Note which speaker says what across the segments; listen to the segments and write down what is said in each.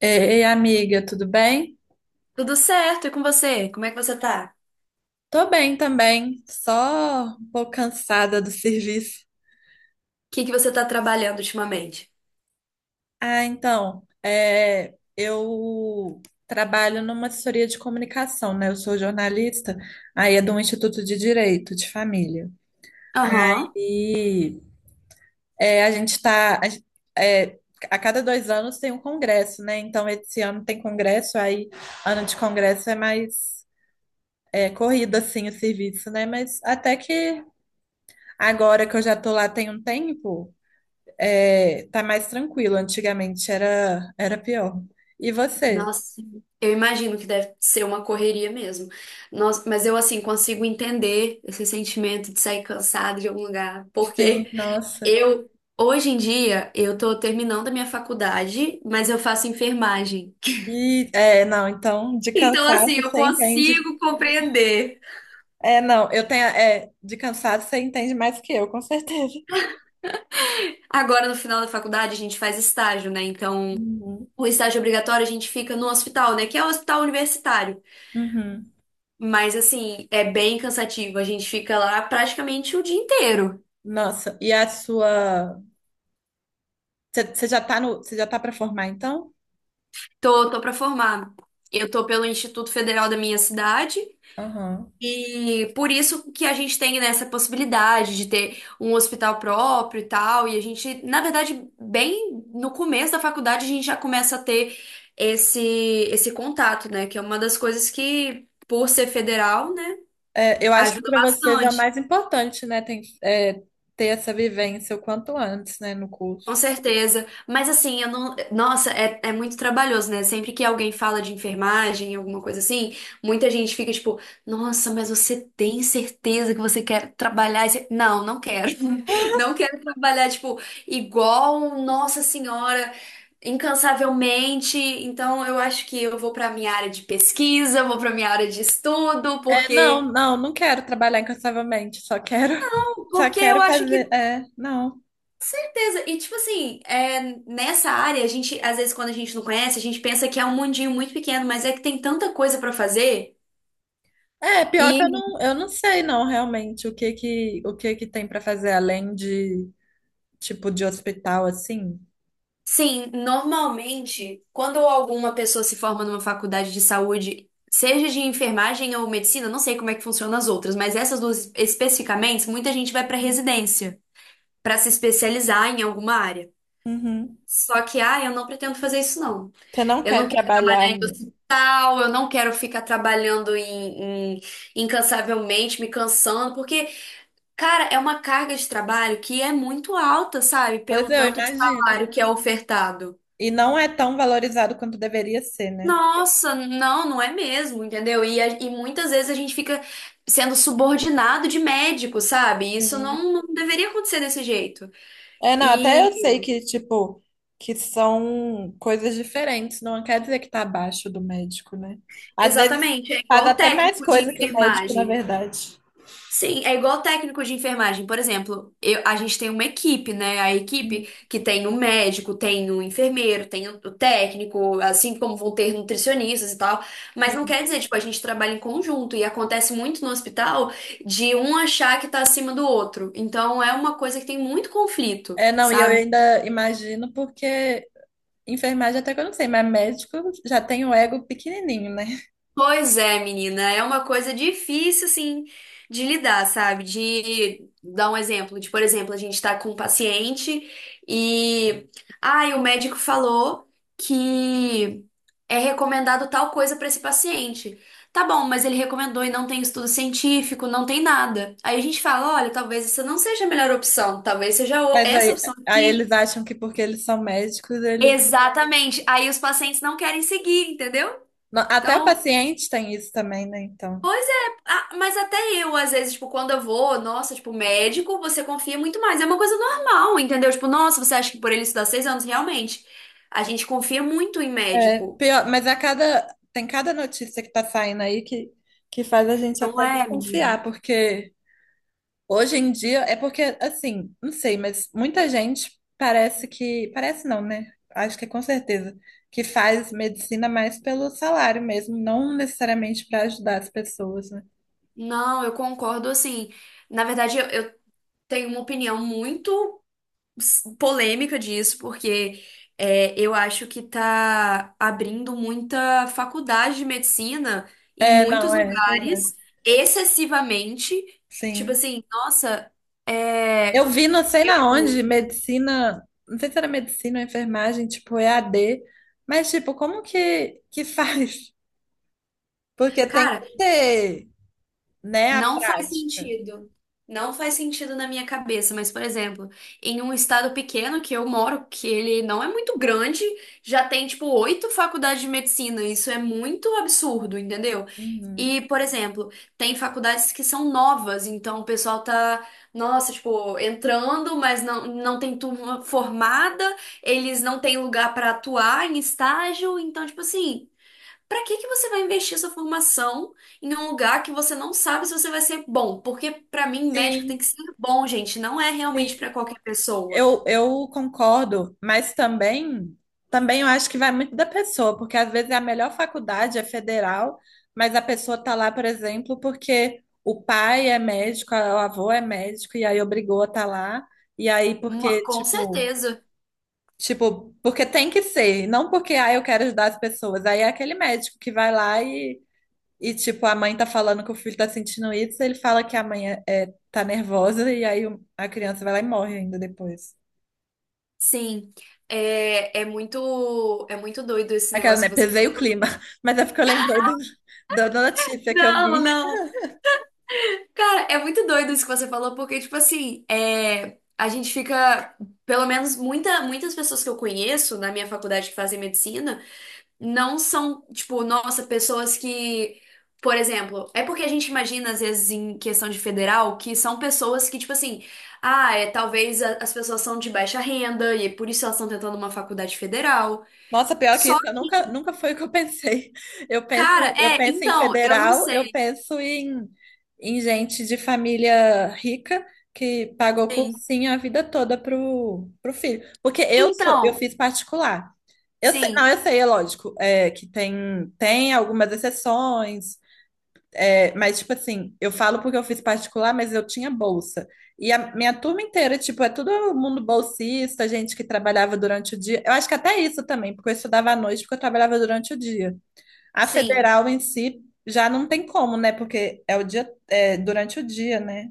Speaker 1: Ei, amiga, tudo bem?
Speaker 2: Tudo certo? E com você? Como é que você tá?
Speaker 1: Tô bem também, só um pouco cansada do serviço.
Speaker 2: O que que você tá trabalhando ultimamente?
Speaker 1: Eu trabalho numa assessoria de comunicação, né? Eu sou jornalista, aí é do Instituto de Direito de Família.
Speaker 2: Aham.
Speaker 1: Aí a gente tá. É, a cada dois anos tem um congresso, né? Então, esse ano tem congresso, aí ano de congresso é mais corrido, assim, o serviço, né? Mas até que agora que eu já tô lá tem um tempo, tá mais tranquilo. Antigamente era pior. E você?
Speaker 2: Nossa, eu imagino que deve ser uma correria mesmo. Nossa, mas eu, assim, consigo entender esse sentimento de sair cansado de algum lugar,
Speaker 1: Sim,
Speaker 2: porque
Speaker 1: nossa.
Speaker 2: eu, hoje em dia, eu tô terminando a minha faculdade, mas eu faço enfermagem.
Speaker 1: E é, não, Então de
Speaker 2: Então, assim,
Speaker 1: cansaço
Speaker 2: eu
Speaker 1: você entende.
Speaker 2: consigo compreender.
Speaker 1: É, não, eu tenho. É, De cansaço você entende mais que eu, com certeza.
Speaker 2: Agora, no final da faculdade, a gente faz estágio, né? Então,
Speaker 1: Uhum.
Speaker 2: o estágio obrigatório, a gente fica no hospital, né? Que é o hospital universitário.
Speaker 1: Uhum.
Speaker 2: Mas assim, é bem cansativo. A gente fica lá praticamente o dia inteiro.
Speaker 1: Nossa, e a sua. Você já tá no, você já tá para formar, então?
Speaker 2: Tô, tô para formar. Eu tô pelo Instituto Federal da minha cidade
Speaker 1: Aham.
Speaker 2: e por isso que a gente tem nessa possibilidade de ter um hospital próprio e tal. E a gente, na verdade, bem no começo da faculdade, a gente já começa a ter esse contato, né? Que é uma das coisas que, por ser federal, né,
Speaker 1: É, eu acho que
Speaker 2: ajuda
Speaker 1: para vocês é o
Speaker 2: bastante.
Speaker 1: mais importante, né? Ter essa vivência o quanto antes, né, no
Speaker 2: Com
Speaker 1: curso.
Speaker 2: certeza. Mas assim, eu não. Nossa, é, é muito trabalhoso, né? Sempre que alguém fala de enfermagem, alguma coisa assim, muita gente fica tipo, nossa, mas você tem certeza que você quer trabalhar? Esse- "Não, não quero." Não quero trabalhar, tipo, igual Nossa Senhora, incansavelmente. Então, eu acho que eu vou pra minha área de pesquisa, vou pra minha área de estudo,
Speaker 1: Não,
Speaker 2: porque.
Speaker 1: não, não quero trabalhar incansavelmente, só quero, só
Speaker 2: Porque eu
Speaker 1: quero
Speaker 2: acho
Speaker 1: fazer,
Speaker 2: que
Speaker 1: é, não.
Speaker 2: certeza. E tipo assim, é, nessa área, a gente, às vezes, quando a gente não conhece, a gente pensa que é um mundinho muito pequeno, mas é que tem tanta coisa pra fazer.
Speaker 1: É, pior que
Speaker 2: E
Speaker 1: eu não sei não realmente o que que tem pra fazer além de tipo de hospital assim.
Speaker 2: sim, normalmente, quando alguma pessoa se forma numa faculdade de saúde, seja de enfermagem ou medicina, não sei como é que funcionam as outras, mas essas duas especificamente, muita gente vai pra residência pra se especializar em alguma área.
Speaker 1: Uhum.
Speaker 2: Só que, ah, eu não pretendo fazer isso, não.
Speaker 1: Você não
Speaker 2: Eu
Speaker 1: quer
Speaker 2: não quero
Speaker 1: trabalhar,
Speaker 2: trabalhar em
Speaker 1: né?
Speaker 2: hospital, eu não quero ficar trabalhando em, incansavelmente, me cansando, porque, cara, é uma carga de trabalho que é muito alta, sabe?
Speaker 1: Pois
Speaker 2: Pelo
Speaker 1: é, eu
Speaker 2: tanto de
Speaker 1: imagino.
Speaker 2: salário que é ofertado.
Speaker 1: E não é tão valorizado quanto deveria ser, né?
Speaker 2: Nossa, não, não é mesmo, entendeu? E, e muitas vezes a gente fica sendo subordinado de médico, sabe? Isso
Speaker 1: Sim.
Speaker 2: não, não deveria acontecer desse jeito.
Speaker 1: É, não, até
Speaker 2: E
Speaker 1: eu sei que, tipo, que são coisas diferentes, não quer dizer que tá abaixo do médico, né? Às vezes
Speaker 2: exatamente, é
Speaker 1: faz
Speaker 2: igual
Speaker 1: até mais
Speaker 2: técnico de
Speaker 1: coisa que o médico, na
Speaker 2: enfermagem.
Speaker 1: verdade.
Speaker 2: Sim, é igual técnico de enfermagem, por exemplo, a gente tem uma equipe, né? A
Speaker 1: Hum.
Speaker 2: equipe que tem o médico, tem o enfermeiro, tem o técnico, assim como vão ter nutricionistas e tal. Mas não
Speaker 1: Sim.
Speaker 2: quer dizer, tipo, a gente trabalha em conjunto e acontece muito no hospital de um achar que tá acima do outro. Então é uma coisa que tem muito conflito,
Speaker 1: É, não, e eu
Speaker 2: sabe?
Speaker 1: ainda imagino porque enfermagem até que eu não sei, mas médico já tem o ego pequenininho, né?
Speaker 2: Pois é, menina, é uma coisa difícil, assim, de lidar, sabe? De dar um exemplo, de, por exemplo, a gente tá com um paciente e, ai, o médico falou que é recomendado tal coisa pra esse paciente. Tá bom, mas ele recomendou e não tem estudo científico, não tem nada. Aí a gente fala, olha, talvez essa não seja a melhor opção, talvez seja
Speaker 1: Mas
Speaker 2: essa
Speaker 1: aí,
Speaker 2: opção
Speaker 1: aí eles
Speaker 2: aqui.
Speaker 1: acham que porque eles são médicos, eles...
Speaker 2: Exatamente. Aí os pacientes não querem seguir, entendeu?
Speaker 1: Não, até o
Speaker 2: Então,
Speaker 1: paciente tem isso também, né? Então...
Speaker 2: pois é, ah, mas até eu, às vezes, tipo, quando eu vou, nossa, tipo, médico, você confia muito mais. É uma coisa normal, entendeu? Tipo, nossa, você acha que por ele estudar 6 anos, realmente. A gente confia muito em médico.
Speaker 1: Pior, mas a cada, tem cada notícia que tá saindo aí que faz a gente
Speaker 2: Não
Speaker 1: até
Speaker 2: é, menino?
Speaker 1: desconfiar, porque hoje em dia é porque, assim, não sei, mas muita gente parece que, parece não, né? Acho que é com certeza, que faz medicina mais pelo salário mesmo, não necessariamente para ajudar as pessoas, né?
Speaker 2: Não, eu concordo, assim. Na verdade, eu tenho uma opinião muito polêmica disso, porque é, eu acho que tá abrindo muita faculdade de medicina em
Speaker 1: É,
Speaker 2: muitos
Speaker 1: não, é, pois é,
Speaker 2: lugares, excessivamente. Tipo
Speaker 1: Sim.
Speaker 2: assim, nossa,
Speaker 1: Eu
Speaker 2: é,
Speaker 1: vi, não sei na
Speaker 2: eu.
Speaker 1: onde, medicina, não sei se era medicina ou enfermagem, tipo EAD, mas tipo, como que faz? Porque tem
Speaker 2: Cara,
Speaker 1: que ter, né, a
Speaker 2: não faz
Speaker 1: prática.
Speaker 2: sentido. Não faz sentido na minha cabeça, mas, por exemplo, em um estado pequeno que eu moro, que ele não é muito grande, já tem, tipo, 8 faculdades de medicina. Isso é muito absurdo, entendeu?
Speaker 1: Uhum.
Speaker 2: E, por exemplo, tem faculdades que são novas, então o pessoal tá, nossa, tipo, entrando, mas não, não tem turma formada, eles não têm lugar pra atuar em estágio, então, tipo assim. Pra que que você vai investir sua formação em um lugar que você não sabe se você vai ser bom? Porque pra mim médico tem que
Speaker 1: Sim,
Speaker 2: ser bom, gente, não é realmente pra
Speaker 1: sim.
Speaker 2: qualquer pessoa.
Speaker 1: Eu concordo, mas também, também eu acho que vai muito da pessoa, porque às vezes é a melhor faculdade é federal, mas a pessoa tá lá, por exemplo, porque o pai é médico, o avô é médico, e aí obrigou a tá lá, e aí
Speaker 2: Uma-
Speaker 1: porque,
Speaker 2: com
Speaker 1: tipo,
Speaker 2: certeza.
Speaker 1: tipo, porque tem que ser, não porque, ah, eu quero ajudar as pessoas. Aí é aquele médico que vai lá e, tipo, a mãe tá falando que o filho tá sentindo isso, ele fala que a mãe tá nervosa, e aí a criança vai lá e morre ainda depois.
Speaker 2: Sim. É, é muito doido esse
Speaker 1: Aquela,
Speaker 2: negócio
Speaker 1: né?
Speaker 2: que você
Speaker 1: Pesei
Speaker 2: falou.
Speaker 1: o clima. Mas é porque eu lembrei do, da notícia que eu
Speaker 2: Não,
Speaker 1: vi.
Speaker 2: não. Cara, é muito doido isso que você falou, porque tipo assim, é, a gente fica, pelo menos muita, muitas pessoas que eu conheço na minha faculdade que fazem medicina não são, tipo, nossa, pessoas que, por exemplo, é porque a gente imagina, às vezes, em questão de federal, que são pessoas que, tipo assim, ah, é, talvez as pessoas são de baixa renda e é por isso elas estão tentando uma faculdade federal.
Speaker 1: Nossa, pior que
Speaker 2: Só,
Speaker 1: isso, eu nunca foi o que eu pensei.
Speaker 2: cara,
Speaker 1: Eu
Speaker 2: é,
Speaker 1: penso em
Speaker 2: então, eu não
Speaker 1: federal, eu
Speaker 2: sei.
Speaker 1: penso em, em gente de família rica que pagou
Speaker 2: Sim.
Speaker 1: cursinho a vida toda pro, pro filho. Porque eu sou, eu
Speaker 2: Então,
Speaker 1: fiz particular. Eu sei, não,
Speaker 2: sim,
Speaker 1: Eu sei, é lógico, é, que tem, tem algumas exceções, é, mas, tipo assim, eu falo porque eu fiz particular, mas eu tinha bolsa. E a minha turma inteira, tipo, é todo mundo bolsista, gente que trabalhava durante o dia. Eu acho que até isso também, porque eu estudava à noite, porque eu trabalhava durante o dia. A
Speaker 2: sim,
Speaker 1: federal em si já não tem como, né? Porque é o dia, é, durante o dia, né?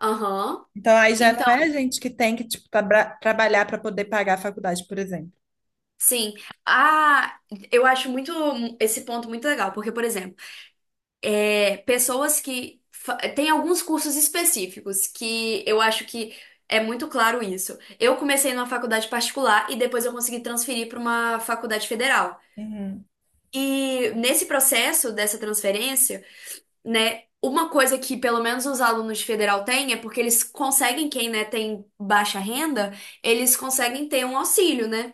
Speaker 2: aham.
Speaker 1: Então aí já não
Speaker 2: Então,
Speaker 1: é gente que tem que, tipo, trabalhar para poder pagar a faculdade, por exemplo.
Speaker 2: sim. Ah, eu acho muito esse ponto muito legal, porque, por exemplo, é, pessoas que. Tem alguns cursos específicos que eu acho que é muito claro isso. Eu comecei numa faculdade particular e depois eu consegui transferir para uma faculdade federal.
Speaker 1: Uhum.
Speaker 2: E nesse processo dessa transferência, né, uma coisa que pelo menos os alunos de federal têm é porque eles conseguem, quem, né, tem baixa renda, eles conseguem ter um auxílio, né?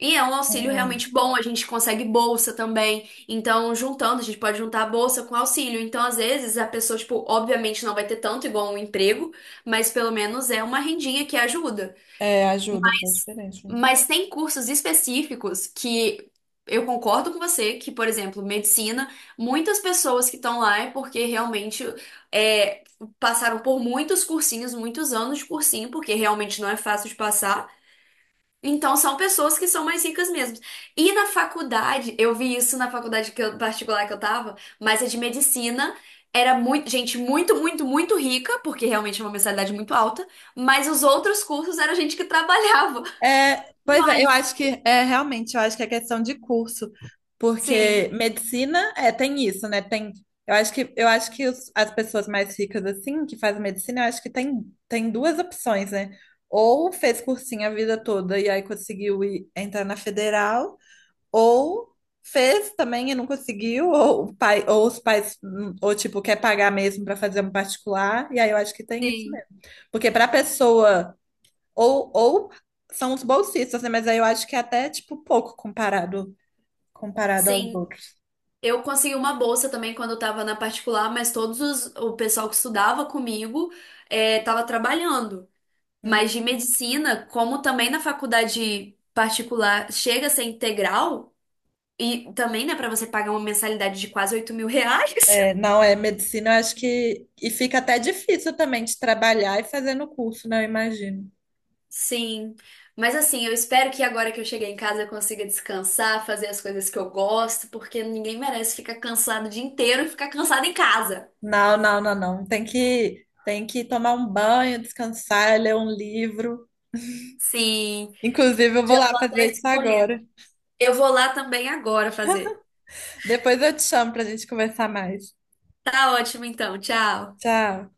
Speaker 2: E é um auxílio
Speaker 1: Aham.
Speaker 2: realmente bom, a gente consegue bolsa também. Então, juntando, a gente pode juntar a bolsa com auxílio. Então, às vezes, a pessoa, tipo, obviamente não vai ter tanto igual um emprego, mas pelo menos é uma rendinha que ajuda.
Speaker 1: É, ajuda, faz diferença.
Speaker 2: Mas tem cursos específicos que eu concordo com você, que, por exemplo, medicina, muitas pessoas que estão lá é porque realmente é, passaram por muitos cursinhos, muitos anos de cursinho, porque realmente não é fácil de passar. Então, são pessoas que são mais ricas mesmo. E na faculdade, eu vi isso na faculdade que particular que eu tava, mas a de medicina era muito, gente muito, muito, muito rica, porque realmente é uma mensalidade muito alta, mas os outros cursos era gente que trabalhava.
Speaker 1: É, pois é,
Speaker 2: Mas,
Speaker 1: eu acho que é questão de curso,
Speaker 2: sim,
Speaker 1: porque medicina é tem isso, né? Tem, eu acho que as pessoas mais ricas assim que fazem medicina, eu acho que tem duas opções, né? Ou fez cursinho a vida toda e aí conseguiu ir, entrar na federal, ou fez também e não conseguiu, ou o pai, ou os pais, ou tipo, quer pagar mesmo para fazer um particular, e aí eu acho que tem isso
Speaker 2: sim,
Speaker 1: mesmo. Porque para pessoa, ou são os bolsistas, né? Mas aí eu acho que é até tipo pouco comparado aos
Speaker 2: sim.
Speaker 1: outros.
Speaker 2: Eu consegui uma bolsa também quando eu tava na particular, mas todos os, o pessoal que estudava comigo é, tava trabalhando.
Speaker 1: Hum.
Speaker 2: Mas de medicina, como também na faculdade particular chega a ser integral. E também, né, pra você pagar uma mensalidade de quase R$ 8.000?
Speaker 1: É, não é medicina, eu acho que e fica até difícil também de trabalhar e fazer no curso, né? Eu imagino.
Speaker 2: Sim. Mas assim, eu espero que agora que eu cheguei em casa eu consiga descansar, fazer as coisas que eu gosto, porque ninguém merece ficar cansado o dia inteiro e ficar cansado em casa.
Speaker 1: Não, não, não, não. Tem que tomar um banho, descansar, ler um livro.
Speaker 2: Sim.
Speaker 1: Inclusive, eu
Speaker 2: Já
Speaker 1: vou lá
Speaker 2: tô até
Speaker 1: fazer isso
Speaker 2: escolhendo.
Speaker 1: agora.
Speaker 2: Eu vou lá também agora fazer.
Speaker 1: Depois eu te chamo pra gente conversar mais.
Speaker 2: Tá ótimo então, tchau.
Speaker 1: Tchau.